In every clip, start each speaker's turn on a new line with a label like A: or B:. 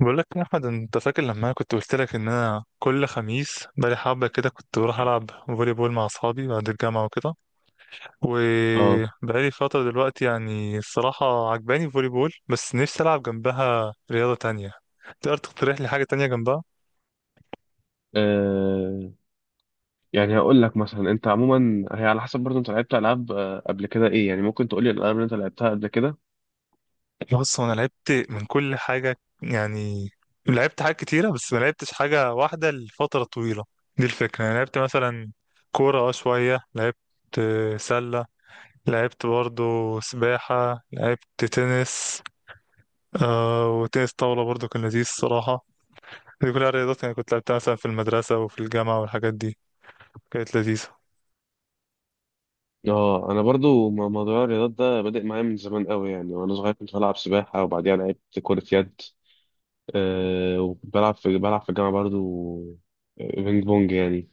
A: بقول لك يا احمد، انت فاكر لما انا كنت قلت لك ان انا كل خميس بقالي حبه كده كنت بروح العب فولي بول مع اصحابي بعد الجامعه وكده؟
B: اه
A: وبقالي فتره دلوقتي، يعني الصراحه عجباني فولي بول، بس نفسي العب جنبها رياضه تانية. تقدر تقترح لي حاجه تانية جنبها؟
B: آه، يعني هقول لك مثلا انت عموما، هي على حسب. برضو انت لعبت العاب قبل كده ايه؟ يعني ممكن تقول لي الالعاب اللي انت لعبتها قبل كده.
A: بص، هو انا لعبت من كل حاجه يعني. لعبت حاجات كتيره بس ما لعبتش حاجه واحده لفتره طويله. دي الفكره. انا لعبت مثلا كوره، اه شويه، لعبت سله، لعبت برضو سباحة، لعبت تنس، آه وتنس طاولة برضو كان لذيذ الصراحة. دي كلها رياضات يعني كنت لعبتها مثلا في المدرسة وفي الجامعة، والحاجات دي كانت لذيذة.
B: اه انا برضو موضوع الرياضات ده بادئ معايا من زمان قوي يعني. وانا صغير كنت بلعب سباحه وبعديها لعبت كره يد. أه وبلعب في الجامعه برضو بينج بونج يعني.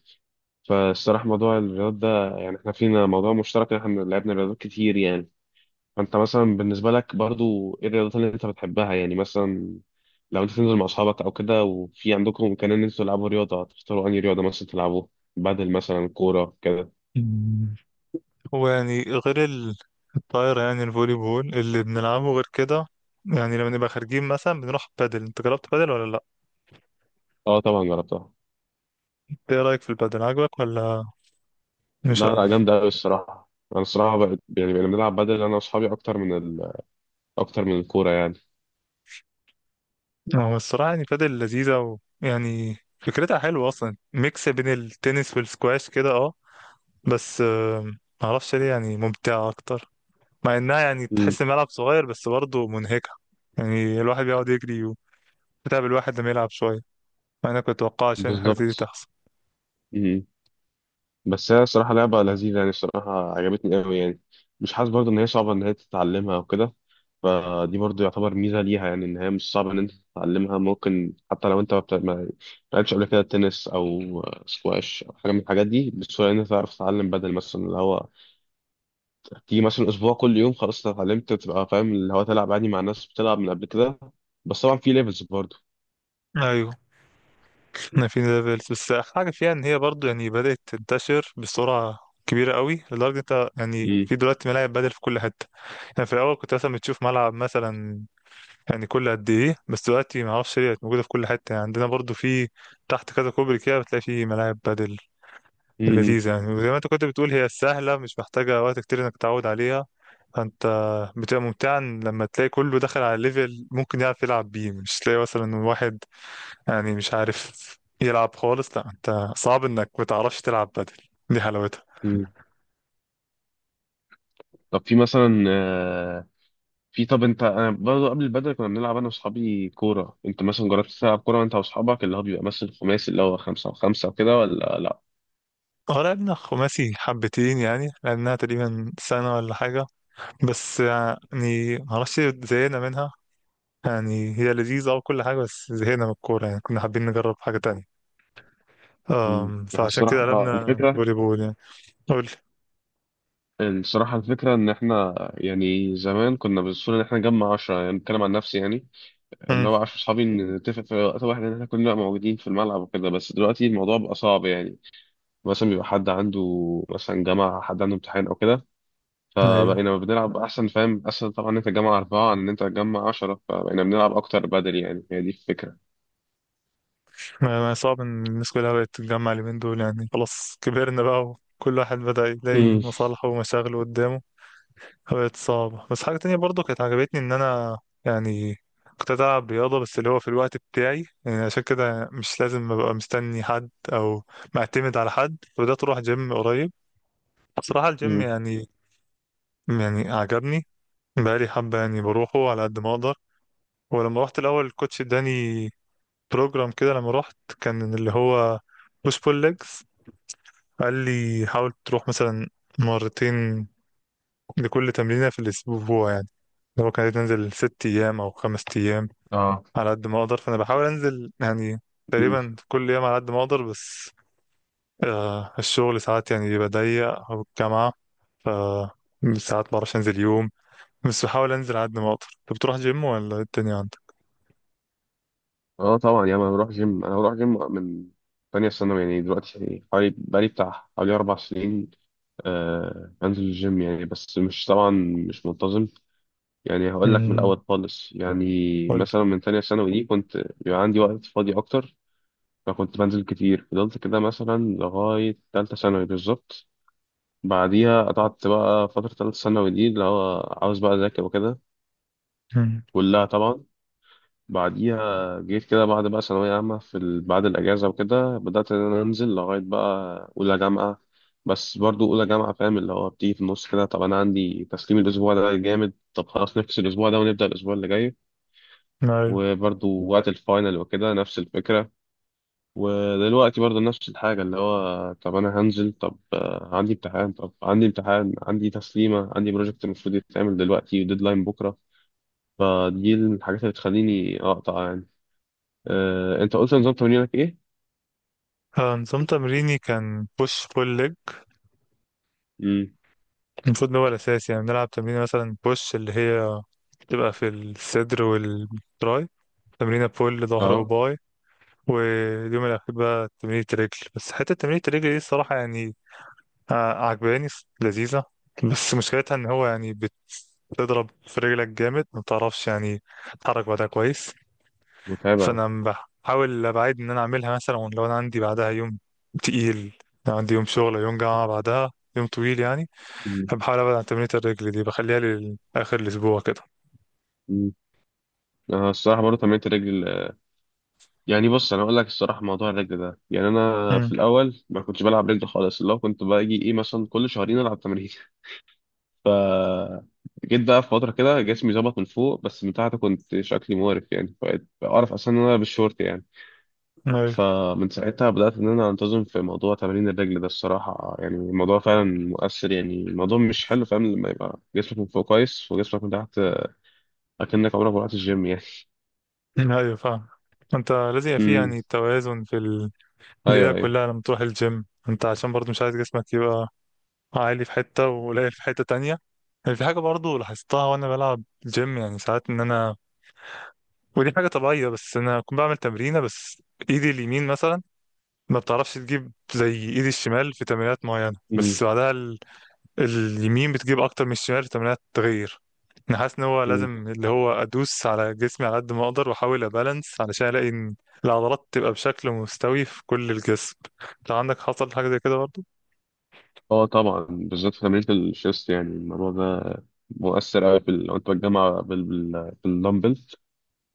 B: فالصراحه موضوع الرياضات ده يعني احنا فينا موضوع مشترك إن احنا لعبنا رياضات كتير يعني. فانت مثلا بالنسبه لك برضو ايه الرياضات اللي انت بتحبها يعني؟ مثلا لو انت تنزل مع اصحابك او كده، وفي عندكم امكانيه ان انتوا تلعبوا رياضه، هتختاروا انهي رياضه مثلا تلعبوه، بدل مثلا كوره كده؟
A: مم. ويعني غير الطايرة، يعني الفولي بول اللي بنلعبه غير كده. يعني لما نبقى خارجين مثلا بنروح بادل. انت جربت بادل ولا لا؟
B: اه طبعا جربتها.
A: ايه رأيك في البادل؟ عجبك ولا مش
B: لا
A: قوي؟
B: لا، جامده قوي الصراحه. انا الصراحه بقى يعني، بقينا بنلعب بدل انا واصحابي اكتر من الكوره يعني.
A: هو الصراحة يعني بادل لذيذة، ويعني فكرتها حلوة أصلا، ميكس بين التنس والسكواش كده، اه. بس معرفش ليه يعني ممتعة أكتر. مع إنها يعني
B: امم.
A: تحس إن ملعب صغير بس برضه منهكة. يعني الواحد بيقعد يجري، وتعب الواحد لما يلعب شوية، مع إن أنا كنت متوقع عشان حاجة زي دي
B: بالظبط.
A: تحصل.
B: امم. بس هي الصراحه لعبه لذيذه يعني، الصراحه عجبتني قوي يعني. مش حاسس برضو ان هي صعبه، ان هي تتعلمها او كده. فدي برضو يعتبر ميزة ليها يعني، إن هي مش صعبة إن أنت تتعلمها، ممكن حتى لو أنت ما لعبتش قبل كده تنس أو سكواش أو حاجة من الحاجات دي، بسهولة إن أنت تعرف تتعلم بدل. مثلا اللي هو تيجي مثلا أسبوع كل يوم، خلاص أنت اتعلمت، تبقى فاهم اللي هو تلعب عادي مع ناس بتلعب من قبل كده. بس طبعا في ليفلز برضو.
A: أيوه. إن في ليفلز، بس حاجة فيها إن هي برضه يعني بدأت تنتشر بسرعة كبيرة قوي، لدرجة أنت يعني
B: مم.
A: في دلوقتي ملاعب بدل في كل حتة. يعني في الأول كنت مثلا بتشوف ملعب مثلا يعني كل قد إيه، بس دلوقتي معرفش ليه بقت موجودة في كل حتة. يعني عندنا برضه في تحت كذا كوبري كده بتلاقي في ملاعب بدل.
B: مم.
A: لذيذة يعني، وزي ما انت كنت بتقول، هي سهلة مش محتاجة وقت كتير انك تتعود عليها. فانت بتبقى ممتعة إن لما تلاقي كله دخل على ليفل ممكن يعرف يلعب بيه، مش تلاقي مثلا واحد يعني مش عارف يلعب خالص. لا، انت صعب انك ما تعرفش تلعب بدل، دي حلاوتها.
B: مم. طب في مثلا آه، في طب أنت، أنا برضو قبل البدل كنا بنلعب أنا وأصحابي كورة. أنت مثلا جربت تلعب كورة أنت وأصحابك، اللي هو بيبقى مثلا خماسي، اللي هو خمسة وخمسة وكده، ولا لأ؟
A: اه، لعبنا خماسي حبتين، يعني لعبناها تقريبا سنة ولا حاجة، بس يعني معرفش زهقنا منها. يعني هي لذيذة وكل حاجة بس زهقنا من الكورة، يعني كنا حابين نجرب حاجة تانية.
B: مم. احنا
A: فعشان كده
B: الصراحة آه،
A: قلبنا
B: الفكرة
A: فولي بول يعني. قول.
B: الصراحة الفكرة، إن إحنا يعني زمان كنا بالصورة إن إحنا نجمع عشرة، يعني بتكلم عن نفسي يعني. اللي
A: امم.
B: هو عشرة صحابي نتفق في وقت واحد إن إحنا كلنا موجودين في الملعب وكده، بس دلوقتي الموضوع بقى صعب يعني. مثلا بيبقى حد عنده مثلا جامعة، حد عنده امتحان أو كده.
A: ايوه.
B: فبقينا بنلعب، أحسن فاهم، أسهل طبعا إن أنت تجمع أربعة عن إن أنت تجمع عشرة، فبقينا بنلعب أكتر بدل يعني، هي دي الفكرة.
A: ما صعب ان الناس كلها بقت تتجمع اليومين دول، يعني خلاص كبرنا بقى وكل واحد بدأ يلاقي
B: مم.
A: مصالحه ومشاغله قدامه. فبقت صعبة. بس حاجة تانية برضو كانت عجبتني، ان انا يعني كنت ألعب رياضة بس اللي هو في الوقت بتاعي، يعني عشان كده مش لازم أبقى مستني حد أو معتمد على حد، فبدأت أروح جيم قريب. بصراحة الجيم
B: مم.
A: يعني عجبني. بقالي حبة، يعني بروحه على قد ما أقدر. ولما رحت الأول، الكوتش اداني بروجرام كده لما رحت، كان اللي هو بوش بول ليجز. قال لي حاول تروح مثلا مرتين لكل تمرينة في الأسبوع، يعني لو كانت تنزل ست أيام أو خمس أيام
B: اه.
A: على قد ما أقدر. فأنا بحاول أنزل يعني تقريبا كل يوم على قد ما أقدر، بس الشغل ساعات يعني بيبقى ضيق أو الجامعة، ف ساعات بعرفش أنزل يوم، بس بحاول أنزل على قد ما أقدر. أنت بتروح جيم ولا إيه الدنيا عندك؟
B: اه طبعا، يا ما بروح جيم. انا بروح جيم من تانية ثانوي يعني، دلوقتي حوالي بقالي بتاع حوالي اربع سنين آه بنزل الجيم يعني. بس مش طبعا مش منتظم. يعني هقول لك من
A: امم.
B: الاول خالص يعني.
A: قولي.
B: مثلا من تانية ثانوي دي كنت بيبقى عندي وقت فاضي اكتر، فكنت بنزل كتير. فضلت كده مثلا لغاية تالتة ثانوي بالظبط. بعديها قطعت بقى فترة تالتة ثانوي دي، اللي هو عاوز بقى اذاكر وكده
A: امم.
B: كلها طبعا. بعديها جيت كده بعد بقى ثانوية عامة، بعد الأجازة وكده بدأت إن أنا أنزل لغاية بقى أولى جامعة. بس برضو أولى جامعة فاهم اللي هو بتيجي في النص كده، طب أنا عندي تسليم الأسبوع ده جامد، طب خلاص نفس الأسبوع ده ونبدأ الأسبوع اللي جاي.
A: أيوه.
B: وبرضو وقت الفاينل وكده نفس الفكرة. ودلوقتي برضو نفس الحاجة، اللي هو طب أنا هنزل، طب عندي امتحان، عندي تسليمة، عندي بروجكت المفروض يتعمل دلوقتي وديدلاين بكرة. فدي الحاجات اللي بتخليني أقطع يعني. انت قلت نظام تمرينك ايه؟
A: نظام تمريني كان بوش بول.
B: امم.
A: المفروض إن هو الأساس، يعني بنلعب تمرين مثلا بوش اللي هي بتبقى في الصدر والتراي، تمرينة بول ظهر
B: اه.
A: وباي، واليوم الأخير بقى تمرينة رجل. بس حتة تمرينة الرجل دي الصراحة يعني ع- عجباني لذيذة. بس مشكلتها إن هو يعني بتضرب في رجلك جامد ما بتعرفش يعني تتحرك بعدها كويس.
B: متابع.
A: فأنا بحاول أبعد إن أنا أعملها مثلا لو أنا عندي بعدها يوم تقيل، لو عندي يوم شغل أو يوم جامعة بعدها يوم طويل يعني،
B: امم.
A: بحاول ابعد عن تمرينة الرجل دي، بخليها لاخر الاسبوع كده.
B: امم. انا الصراحه برضه تمرينت الرجل. يعني بص انا اقول لك الصراحه، موضوع الرجل ده، يعني انا في
A: امم.
B: الاول ما كنتش بلعب رجل خالص، اللي هو كنت باجي ايه مثلا كل شهرين العب تمرين جيت بقى في فتره كده جسمي ظبط من فوق، بس من تحت كنت شكلي مقرف يعني، بقيت اعرف اصلا ان انا بالشورت يعني.
A: ايوه.
B: فمن ساعتها بدات ان انا انتظم في موضوع تمارين الرجل ده. الصراحه يعني الموضوع فعلا مؤثر يعني. الموضوع مش حلو فاهم لما يبقى جسمك من فوق كويس وجسمك من تحت اكنك عمرك ما رحت الجيم يعني.
A: ايوه فاهم. انت لازم يبقى في،
B: امم.
A: يعني، توازن في الليله
B: ايوه، ايوه.
A: كلها لما تروح الجيم، انت عشان برضو مش عايز جسمك يبقى عالي في حته وقليل في حته تانية. يعني في حاجه برضو لاحظتها وانا بلعب جيم، يعني ساعات ان انا، ودي حاجه طبيعيه، بس انا كنت بعمل تمرينه بس ايدي اليمين مثلا ما بتعرفش تجيب زي ايدي الشمال في تمرينات معينه،
B: امم.
A: بس بعدها اليمين بتجيب اكتر من الشمال في تمرينات التغيير. انا حاسس ان هو
B: أمم.
A: لازم اللي هو ادوس على جسمي على قد ما اقدر واحاول ابالانس، علشان الاقي ان العضلات تبقى بشكل مستوي في كل الجسم. لو عندك حصل حاجه زي كده برضه؟
B: اه طبعا، بالذات في تمرينة الشيست يعني الموضوع ده مؤثر قوي لو انت بتجمع بالدمبل،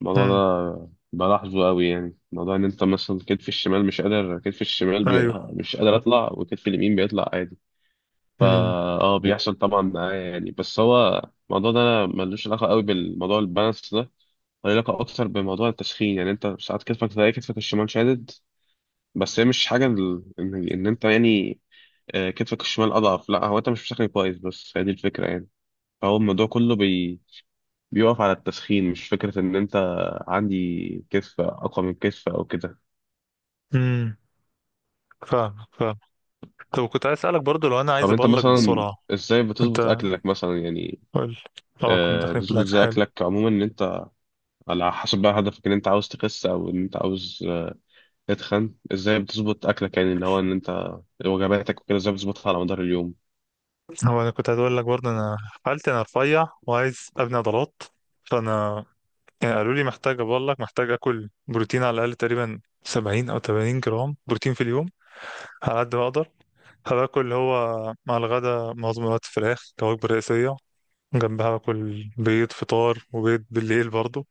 B: الموضوع
A: امم.
B: ده بلاحظه قوي يعني. موضوع ان انت مثلا كتفي الشمال مش قادر كتفي الشمال بي...
A: ايوه.
B: مش قادر اطلع، وكتفي اليمين بيطلع عادي. فا
A: امم.
B: اه بيحصل طبعا معايا يعني. بس هو الموضوع ده ملوش علاقه قوي بالموضوع البالانس ده، له علاقه اكتر بموضوع التسخين. يعني انت ساعات كتفك، تلاقي كتفك الشمال شادد، بس هي مش حاجة ان انت يعني كتفك الشمال اضعف، لا هو انت مش بتسخن كويس، بس هي دي الفكرة يعني. فهو الموضوع كله بيقف على التسخين، مش فكرة ان انت عندي كتف اقوى من كتف او كده.
A: امم. فاهم فاهم. طب كنت عايز اسالك برضه، لو انا
B: طب
A: عايز
B: انت
A: ابلغ
B: مثلا
A: بسرعه.
B: ازاي
A: انت،
B: بتظبط اكلك مثلا يعني؟
A: قول. اه، كنا داخلين في
B: بتظبط
A: الاكل،
B: ازاي
A: حلو.
B: اكلك عموما، ان انت على حسب بقى هدفك ان انت عاوز تخس او ان انت عاوز تتخن؟ ازاي بتظبط اكلك يعني اللي هو ان انت وجباتك وكده ازاي بتظبطها على مدار اليوم؟
A: هو انا كنت عايز اقول لك برضه، انا حالتي انا رفيع وعايز ابني عضلات. فانا يعني قالوا لي محتاج، بقول لك محتاج اكل بروتين على الاقل تقريبا 70 او 80 جرام بروتين في اليوم على قد ما اقدر. هباكل اللي هو مع الغدا معظم الوقت فراخ كوجبه رئيسيه، جنبها باكل بيض فطار وبيض بالليل برضو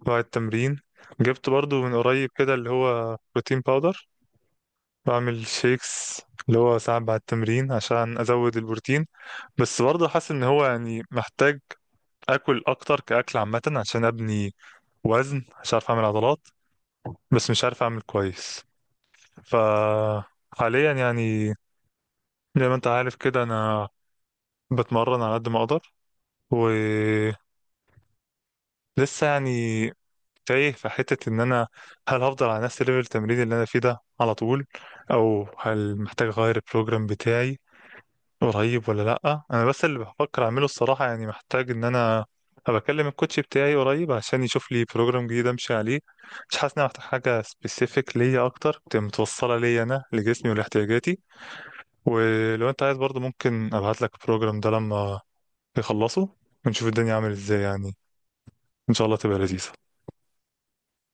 A: بعد التمرين. جبت برضو من قريب كده اللي هو بروتين باودر، بعمل شيكس اللي هو ساعات بعد التمرين عشان ازود البروتين. بس برضه حاسس ان هو يعني محتاج اكل اكتر كاكل عامه، عشان ابني وزن عشان اعرف اعمل عضلات، بس مش عارف اعمل كويس. فحاليا يعني زي ما انت عارف كده، انا بتمرن على قد ما اقدر، ولسه يعني تايه في حتة. ان انا هل هفضل على نفس ليفل التمرين اللي انا فيه ده على طول، او هل محتاج اغير البروجرام بتاعي قريب ولا لأ؟ انا بس اللي بفكر اعمله الصراحة، يعني محتاج ان انا بكلم الكوتش بتاعي قريب عشان يشوف لي بروجرام جديد امشي عليه. مش حاسس ان انا محتاج حاجة سبيسيفيك ليا اكتر، تبقى متوصلة ليا انا لجسمي ولاحتياجاتي. ولو انت عايز برضه ممكن ابعت لك البروجرام ده لما يخلصه، ونشوف الدنيا عامل ازاي، يعني ان شاء الله تبقى لذيذة.